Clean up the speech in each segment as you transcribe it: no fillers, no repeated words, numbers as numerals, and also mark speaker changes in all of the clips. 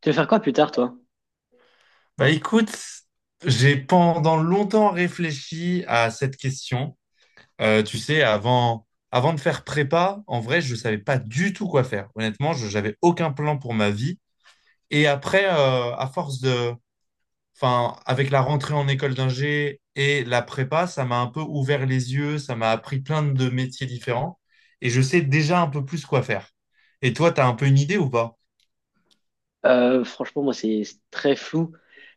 Speaker 1: Tu veux faire quoi plus tard, toi?
Speaker 2: Bah écoute, j'ai pendant longtemps réfléchi à cette question. Tu sais, avant de faire prépa, en vrai, je savais pas du tout quoi faire. Honnêtement, je j'avais aucun plan pour ma vie. Et après, enfin, avec la rentrée en école d'ingé et la prépa, ça m'a un peu ouvert les yeux, ça m'a appris plein de métiers différents. Et je sais déjà un peu plus quoi faire. Et toi, t'as un peu une idée ou pas?
Speaker 1: Franchement, moi, c'est très flou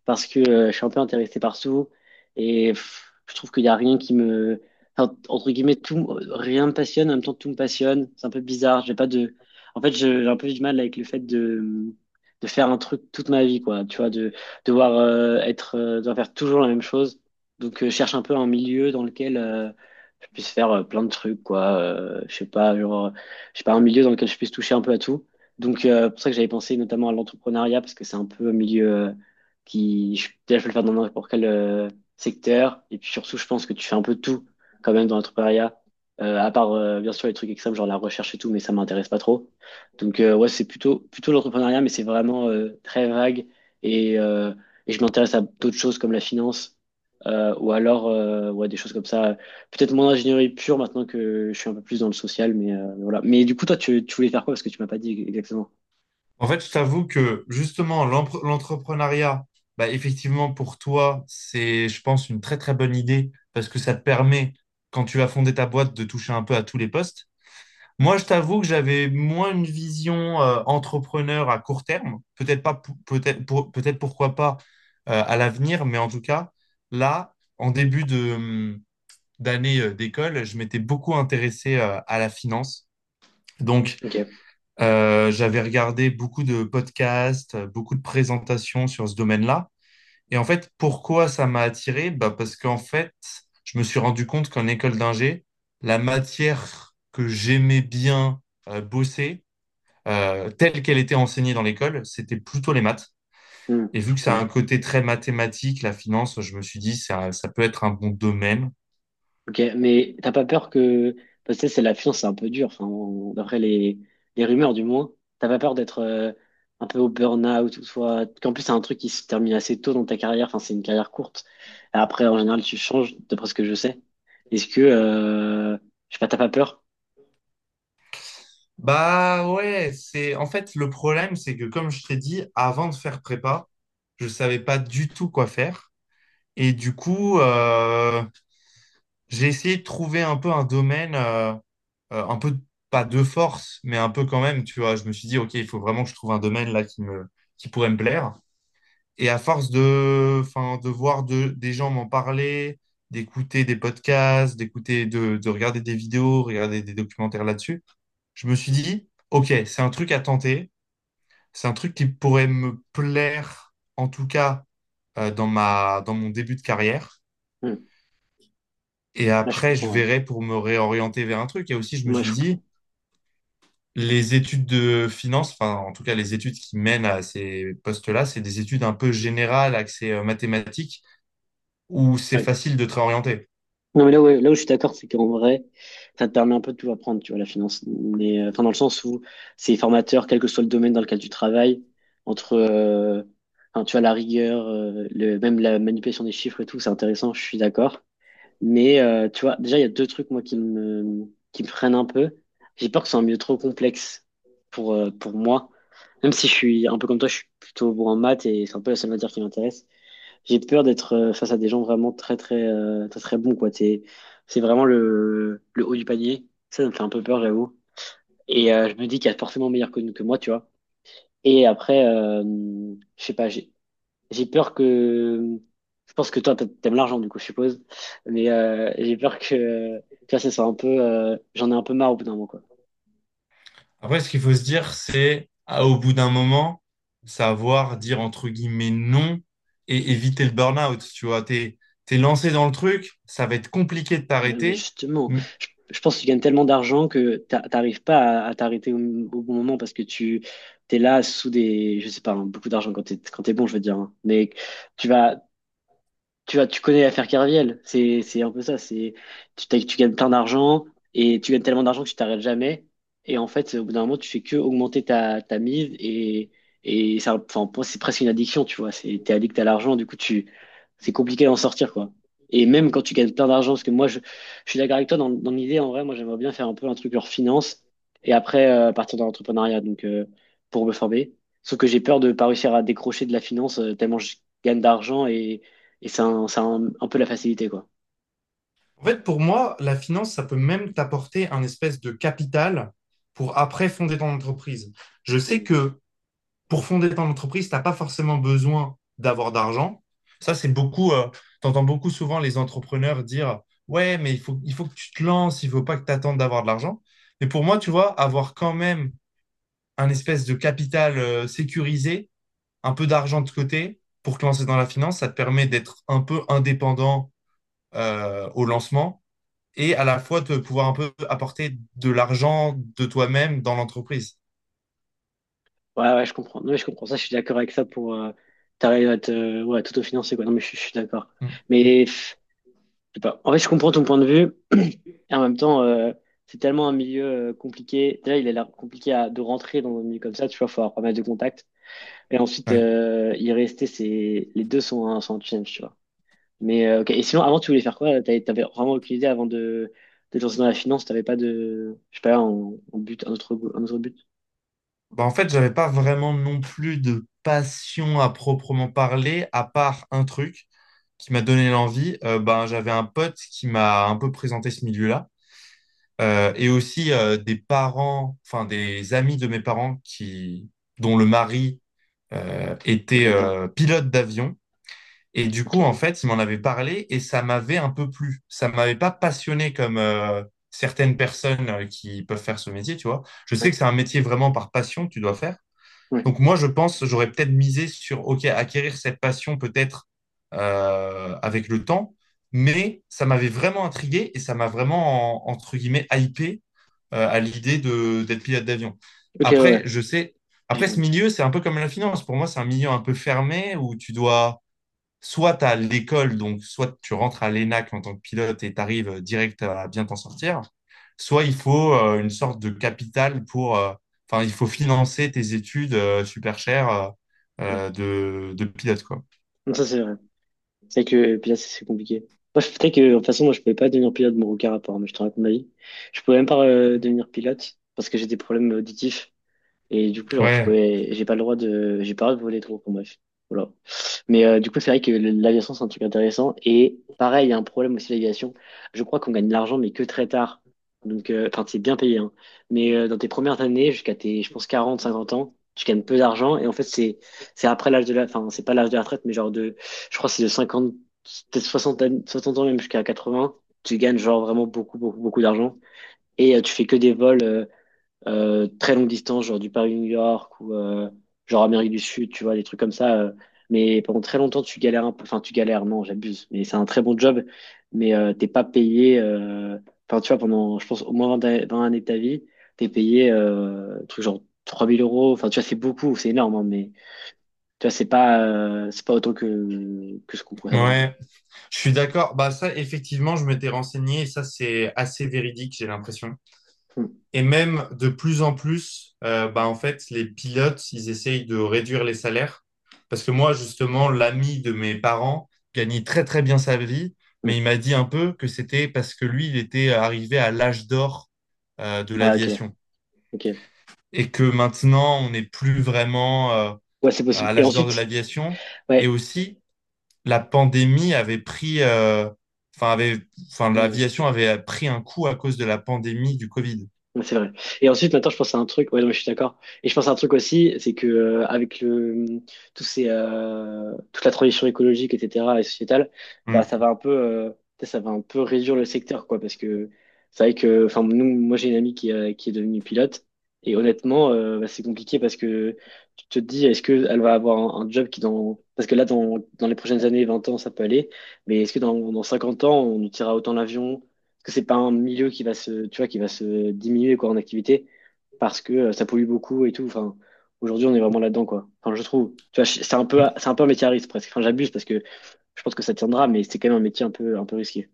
Speaker 1: parce que je suis un peu intéressé par tout et je trouve qu'il n'y a rien qui me... enfin, entre guillemets, tout, rien me passionne, en même temps, tout me passionne. C'est un peu bizarre. J'ai pas de... En fait, j'ai un peu du mal avec le fait de faire un truc toute ma vie, quoi. Tu vois, de devoir faire toujours la même chose. Donc, je cherche un peu un milieu dans lequel je puisse faire plein de trucs, quoi. Je sais pas, genre, je sais pas, un milieu dans lequel je puisse toucher un peu à tout. Donc, pour ça que j'avais pensé notamment à l'entrepreneuriat, parce que c'est un peu un milieu qui, déjà, je peux le faire dans n'importe quel secteur. Et puis surtout, je pense que tu fais un peu tout quand même dans l'entrepreneuriat. À part bien sûr les trucs extrêmes, genre la recherche et tout, mais ça m'intéresse pas trop. Donc, ouais, c'est plutôt l'entrepreneuriat, mais c'est vraiment très vague. Et, euh, et je m'intéresse à d'autres choses comme la finance, ou alors ouais, des choses comme ça peut-être moins ingénierie pure maintenant que je suis un peu plus dans le social, mais voilà. Mais du coup, toi, tu voulais faire quoi? Parce que tu m'as pas dit exactement.
Speaker 2: En fait, je t'avoue que justement, l'entrepreneuriat, bah, effectivement, pour toi, c'est, je pense, une très très bonne idée parce que ça te permet, quand tu vas fonder ta boîte, de toucher un peu à tous les postes. Moi, je t'avoue que j'avais moins une vision entrepreneur à court terme, peut-être pas, peut-être pourquoi pas à l'avenir, mais en tout cas, là, en début de, d'année d'école, je m'étais beaucoup intéressé à la finance. Donc,
Speaker 1: Ok.
Speaker 2: j'avais regardé beaucoup de podcasts, beaucoup de présentations sur ce domaine-là. Et en fait, pourquoi ça m'a attiré? Bah parce qu'en fait, je me suis rendu compte qu'en école d'ingé, la matière que j'aimais bien bosser, telle qu'elle était enseignée dans l'école, c'était plutôt les maths.
Speaker 1: Hmm,
Speaker 2: Et
Speaker 1: je
Speaker 2: vu que ça a un
Speaker 1: comprends.
Speaker 2: côté très mathématique, la finance, je me suis dit, ça peut être un bon domaine.
Speaker 1: Ok, mais t'as pas peur que... Parce que tu sais, c'est la finance, c'est un peu dur, enfin, d'après les rumeurs du moins. T'as pas peur d'être un peu au burn-out ou soit... Qu'en plus, c'est un truc qui se termine assez tôt dans ta carrière, enfin, c'est une carrière courte. Après, en général, tu changes, d'après ce que je sais. Est-ce que... Je sais pas, t'as pas peur?
Speaker 2: Bah ouais, c'est en fait le problème, c'est que comme je t'ai dit, avant de faire prépa, je savais pas du tout quoi faire. Et du coup, j'ai essayé de trouver un peu un domaine, un peu pas de force, mais un peu quand même, tu vois. Je me suis dit, ok, il faut vraiment que je trouve un domaine là qui me, qui pourrait me plaire. Et enfin, des gens m'en parler, d'écouter des podcasts, de regarder des vidéos, regarder des documentaires là-dessus, je me suis dit, ok, c'est un truc à tenter. C'est un truc qui pourrait me plaire, en tout cas, dans ma, dans mon début de carrière.
Speaker 1: Hmm.
Speaker 2: Et
Speaker 1: Là, je
Speaker 2: après, je
Speaker 1: comprends, ouais.
Speaker 2: verrai pour me réorienter vers un truc. Et aussi, je me
Speaker 1: Moi,
Speaker 2: suis
Speaker 1: je comprends.
Speaker 2: dit, les études de finance, enfin, en tout cas, les études qui mènent à ces postes-là, c'est des études un peu générales, axées mathématiques, où c'est facile de te réorienter.
Speaker 1: Non, mais là, ouais, là où je suis d'accord, c'est qu'en vrai, ça te permet un peu de tout apprendre, tu vois, la finance. Mais, enfin, dans le sens où c'est formateur, quel que soit le domaine dans lequel tu travailles, entre, enfin, tu vois, la rigueur, même la manipulation des chiffres et tout, c'est intéressant, je suis d'accord. Mais, tu vois, déjà, il y a deux trucs, moi, qui me freinent un peu. J'ai peur que ce soit un milieu trop complexe pour moi. Même si je suis un peu comme toi, je suis plutôt bon en maths et c'est un peu la seule matière qui m'intéresse. J'ai peur d'être face à des gens vraiment très très très très bons, quoi. C'est vraiment le haut du panier. Ça me fait un peu peur, j'avoue. Et je me dis qu'il y a forcément meilleur que moi, tu vois. Et après, je sais pas, j'ai peur que. Je pense que toi, t'aimes l'argent, du coup, je suppose. Mais j'ai peur que, tu vois, ça soit un peu. J'en ai un peu marre au bout d'un moment, quoi.
Speaker 2: Après, ce qu'il faut se dire, c'est, ah, au bout d'un moment, savoir dire entre guillemets non et éviter le burn-out. Tu vois, t'es lancé dans le truc, ça va être compliqué de
Speaker 1: Ouais. Mais
Speaker 2: t'arrêter.
Speaker 1: justement, je pense que tu gagnes tellement d'argent que t'arrives pas à t'arrêter au bon moment parce que tu t'es là sous des, je sais pas, hein, beaucoup d'argent quand t'es bon, je veux dire, hein. Mais tu vas, tu vois, tu connais l'affaire Kerviel, c'est un peu ça, c'est tu gagnes plein d'argent et tu gagnes tellement d'argent que tu t'arrêtes jamais et en fait au bout d'un moment tu fais que augmenter ta mise et ça. Enfin, pour moi, c'est presque une addiction, tu vois, c'est, t'es addict à l'argent, du coup tu, c'est compliqué d'en sortir, quoi. Et même quand tu gagnes plein d'argent, parce que moi je, suis d'accord avec toi dans l'idée en vrai, moi j'aimerais bien faire un peu un truc leur finance et après partir dans l'entrepreneuriat, donc pour me former, sauf que j'ai peur de pas réussir à décrocher de la finance tellement je gagne d'argent et c'est un, un peu la facilité, quoi.
Speaker 2: En fait, pour moi, la finance, ça peut même t'apporter un espèce de capital pour après fonder ton entreprise. Je sais
Speaker 1: Mm.
Speaker 2: que pour fonder ton entreprise, tu n'as pas forcément besoin d'avoir d'argent. Ça, c'est beaucoup, tu entends beaucoup souvent les entrepreneurs dire, ouais, mais il faut que tu te lances, il ne faut pas que tu attendes d'avoir de l'argent. Mais pour moi, tu vois, avoir quand même un espèce de capital sécurisé, un peu d'argent de côté pour te lancer dans la finance, ça te permet d'être un peu indépendant au lancement et à la fois de pouvoir un peu apporter de l'argent de toi-même dans l'entreprise.
Speaker 1: Ouais, ouais, je comprends. Non, mais je comprends ça, je suis d'accord avec ça pour t'arrives à ouais, tout t'autofinancer, quoi. Non, mais je suis d'accord.
Speaker 2: Mm.
Speaker 1: Mais je sais pas. En fait, je comprends ton point de vue. Et en même temps, c'est tellement un milieu compliqué. Déjà, il a l'air compliqué de rentrer dans un milieu comme ça, tu vois, faut avoir pas mal de contacts. Et ensuite,
Speaker 2: Ouais.
Speaker 1: y rester, c'est, les deux sont un challenge, tu vois. Mais, ok. Et sinon, avant, tu voulais faire quoi? T'avais vraiment aucune idée avant de te lancer dans la finance, t'avais pas de, je sais pas, un but, un autre but
Speaker 2: Bah, en fait, j'avais pas vraiment non plus de passion à proprement parler, à part un truc qui m'a donné l'envie. Ben, j'avais un pote qui m'a un peu présenté ce milieu-là. Et aussi, des parents, enfin des amis de mes parents qui, dont le mari euh, était
Speaker 1: là-dedans.
Speaker 2: euh, pilote d'avion. Et du
Speaker 1: Ok,
Speaker 2: coup, en fait, il m'en avait parlé et ça m'avait un peu plu. Ça m'avait pas passionné comme certaines personnes qui peuvent faire ce métier, tu vois. Je sais que
Speaker 1: ouais,
Speaker 2: c'est un métier vraiment par passion que tu dois faire.
Speaker 1: ouais.
Speaker 2: Donc moi, je pense, j'aurais peut-être misé sur, OK, acquérir cette passion peut-être avec le temps, mais ça m'avait vraiment intrigué et ça m'a vraiment, entre guillemets, hypé à l'idée de d'être pilote d'avion.
Speaker 1: Ok, ouais, ouais.
Speaker 2: Après,
Speaker 1: Ok, j'ai
Speaker 2: après ce
Speaker 1: compris.
Speaker 2: milieu, c'est un peu comme la finance. Pour moi, c'est un milieu un peu fermé où tu dois soit à l'école, donc soit tu rentres à l'ENAC en tant que pilote et tu arrives direct à bien t'en sortir, soit il faut une sorte de capital pour, enfin, il faut financer tes études super chères.
Speaker 1: Ouais.
Speaker 2: De pilote, quoi.
Speaker 1: Non, ça, c'est vrai. C'est vrai que pilote, c'est compliqué. Moi, je, peut-être que, de toute façon, moi, je pouvais pas devenir pilote, mon aucun rapport, mais je te raconte ma vie. Je pouvais même pas devenir pilote parce que j'ai des problèmes auditifs. Et du coup, genre,
Speaker 2: Ouais,
Speaker 1: j'ai pas le droit de voler trop, enfin, bref. Voilà. Mais du coup, c'est vrai que l'aviation, c'est un truc intéressant. Et pareil, il y a un problème aussi, l'aviation. Je crois qu'on gagne de l'argent, mais que très tard. Donc, enfin, c'est bien payé, hein. Mais dans tes premières années, jusqu'à tes, je pense, 40 50 ans, tu gagnes peu d'argent. Et en fait, c'est après l'âge de la, enfin, c'est pas l'âge de la retraite, mais genre de, je crois, que c'est de 50 peut-être 60 60 ans, même jusqu'à 80. Tu gagnes genre vraiment beaucoup, beaucoup, beaucoup d'argent. Et tu fais que des vols. Très longue distance, genre du Paris-New York, ou genre Amérique du Sud, tu vois, des trucs comme ça. Mais pendant très longtemps, tu galères un peu. Enfin, tu galères, non, j'abuse. Mais c'est un très bon job, mais t'es pas payé. Enfin, tu vois, pendant, je pense, au moins 20 années de ta vie, t'es payé un truc genre 3000 euros. Enfin, tu vois, c'est beaucoup, c'est énorme, hein, mais tu vois, c'est pas autant que ce qu'on pourrait s'attendre, quoi.
Speaker 2: ouais, je suis d'accord. Bah, ça, effectivement, je m'étais renseigné et ça, c'est assez véridique, j'ai l'impression.
Speaker 1: Hum,
Speaker 2: Et même de plus en plus, bah, en fait, les pilotes, ils essayent de réduire les salaires. Parce que moi, justement, l'ami de mes parents gagnait très très bien sa vie, mais
Speaker 1: hum.
Speaker 2: il m'a dit un peu que c'était parce que lui, il était arrivé à l'âge d'or de
Speaker 1: Ah, ok,
Speaker 2: l'aviation.
Speaker 1: ok.
Speaker 2: Et que maintenant, on n'est plus vraiment
Speaker 1: Ouais, c'est possible.
Speaker 2: à
Speaker 1: Et
Speaker 2: l'âge d'or de
Speaker 1: ensuite,
Speaker 2: l'aviation. Et
Speaker 1: ouais.
Speaker 2: aussi, la pandémie avait pris, enfin, avait, enfin,
Speaker 1: Hum.
Speaker 2: l'aviation avait pris un coup à cause de la pandémie du Covid.
Speaker 1: Ouais, c'est vrai. Et ensuite, maintenant, je pense à un truc. Ouais, non, mais je suis d'accord. Et je pense à un truc aussi, c'est que avec le tous ces toute la transition écologique, etc., et sociétale, bah
Speaker 2: Mm.
Speaker 1: ça va un peu, ça va un peu réduire le secteur, quoi, parce que c'est vrai que, enfin, nous, moi, j'ai une amie qui est devenue pilote, et honnêtement, bah, c'est compliqué parce que tu te dis, est-ce que elle va avoir un job qui dans, parce que là, dans les prochaines années, 20 ans, ça peut aller, mais est-ce que dans 50 ans, on nous tirera autant l'avion? Que c'est pas un milieu qui va se, tu vois, qui va se diminuer, quoi, en activité, parce que ça pollue beaucoup et tout. Enfin, aujourd'hui, on est vraiment là-dedans, quoi. Enfin, je trouve. Tu vois, c'est un peu, un métier à risque presque. Enfin, j'abuse, parce que je pense que ça tiendra, mais c'est quand même un métier un peu risqué.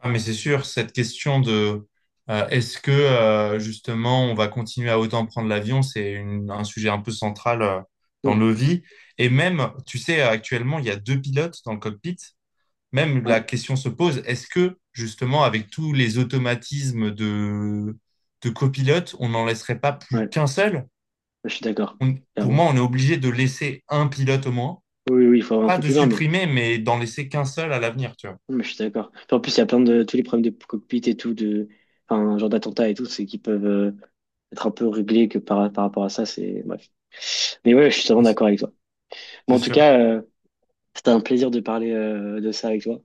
Speaker 2: Ah, mais c'est sûr, cette question de est-ce que justement on va continuer à autant prendre l'avion, c'est un sujet un peu central
Speaker 1: Hmm.
Speaker 2: dans nos vies. Et même, tu sais, actuellement, il y a deux pilotes dans le cockpit. Même
Speaker 1: Ouais,
Speaker 2: la question se pose, est-ce que justement avec tous les automatismes de copilote, on n'en laisserait pas plus
Speaker 1: ouais,
Speaker 2: qu'un seul?
Speaker 1: je suis d'accord.
Speaker 2: Pour moi,
Speaker 1: Clairement.
Speaker 2: on est obligé de laisser un pilote au moins,
Speaker 1: Oui, oui, il faut avoir un
Speaker 2: pas
Speaker 1: truc
Speaker 2: de
Speaker 1: humain, mais,
Speaker 2: supprimer, mais d'en laisser qu'un seul à l'avenir, tu vois.
Speaker 1: mais je suis d'accord. Puis en plus, il y a plein de tous les problèmes de cockpit et tout, de, enfin, genre d'attentats et tout, c'est qui peuvent être un peu réglés que par rapport à ça, c'est bref. Mais ouais, je suis totalement
Speaker 2: Ouais, C'est
Speaker 1: d'accord avec toi. Mais
Speaker 2: c'est
Speaker 1: en tout
Speaker 2: sûr.
Speaker 1: cas. C'était un plaisir de parler de ça avec toi.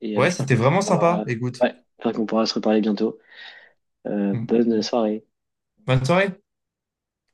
Speaker 1: Et
Speaker 2: Ouais,
Speaker 1: j'espère
Speaker 2: c'était
Speaker 1: qu'on
Speaker 2: vraiment
Speaker 1: pourra, alors,
Speaker 2: sympa. Écoute,
Speaker 1: ouais, j'espère qu'on pourra se reparler bientôt.
Speaker 2: Mm.
Speaker 1: Bonne soirée.
Speaker 2: Bonne soirée.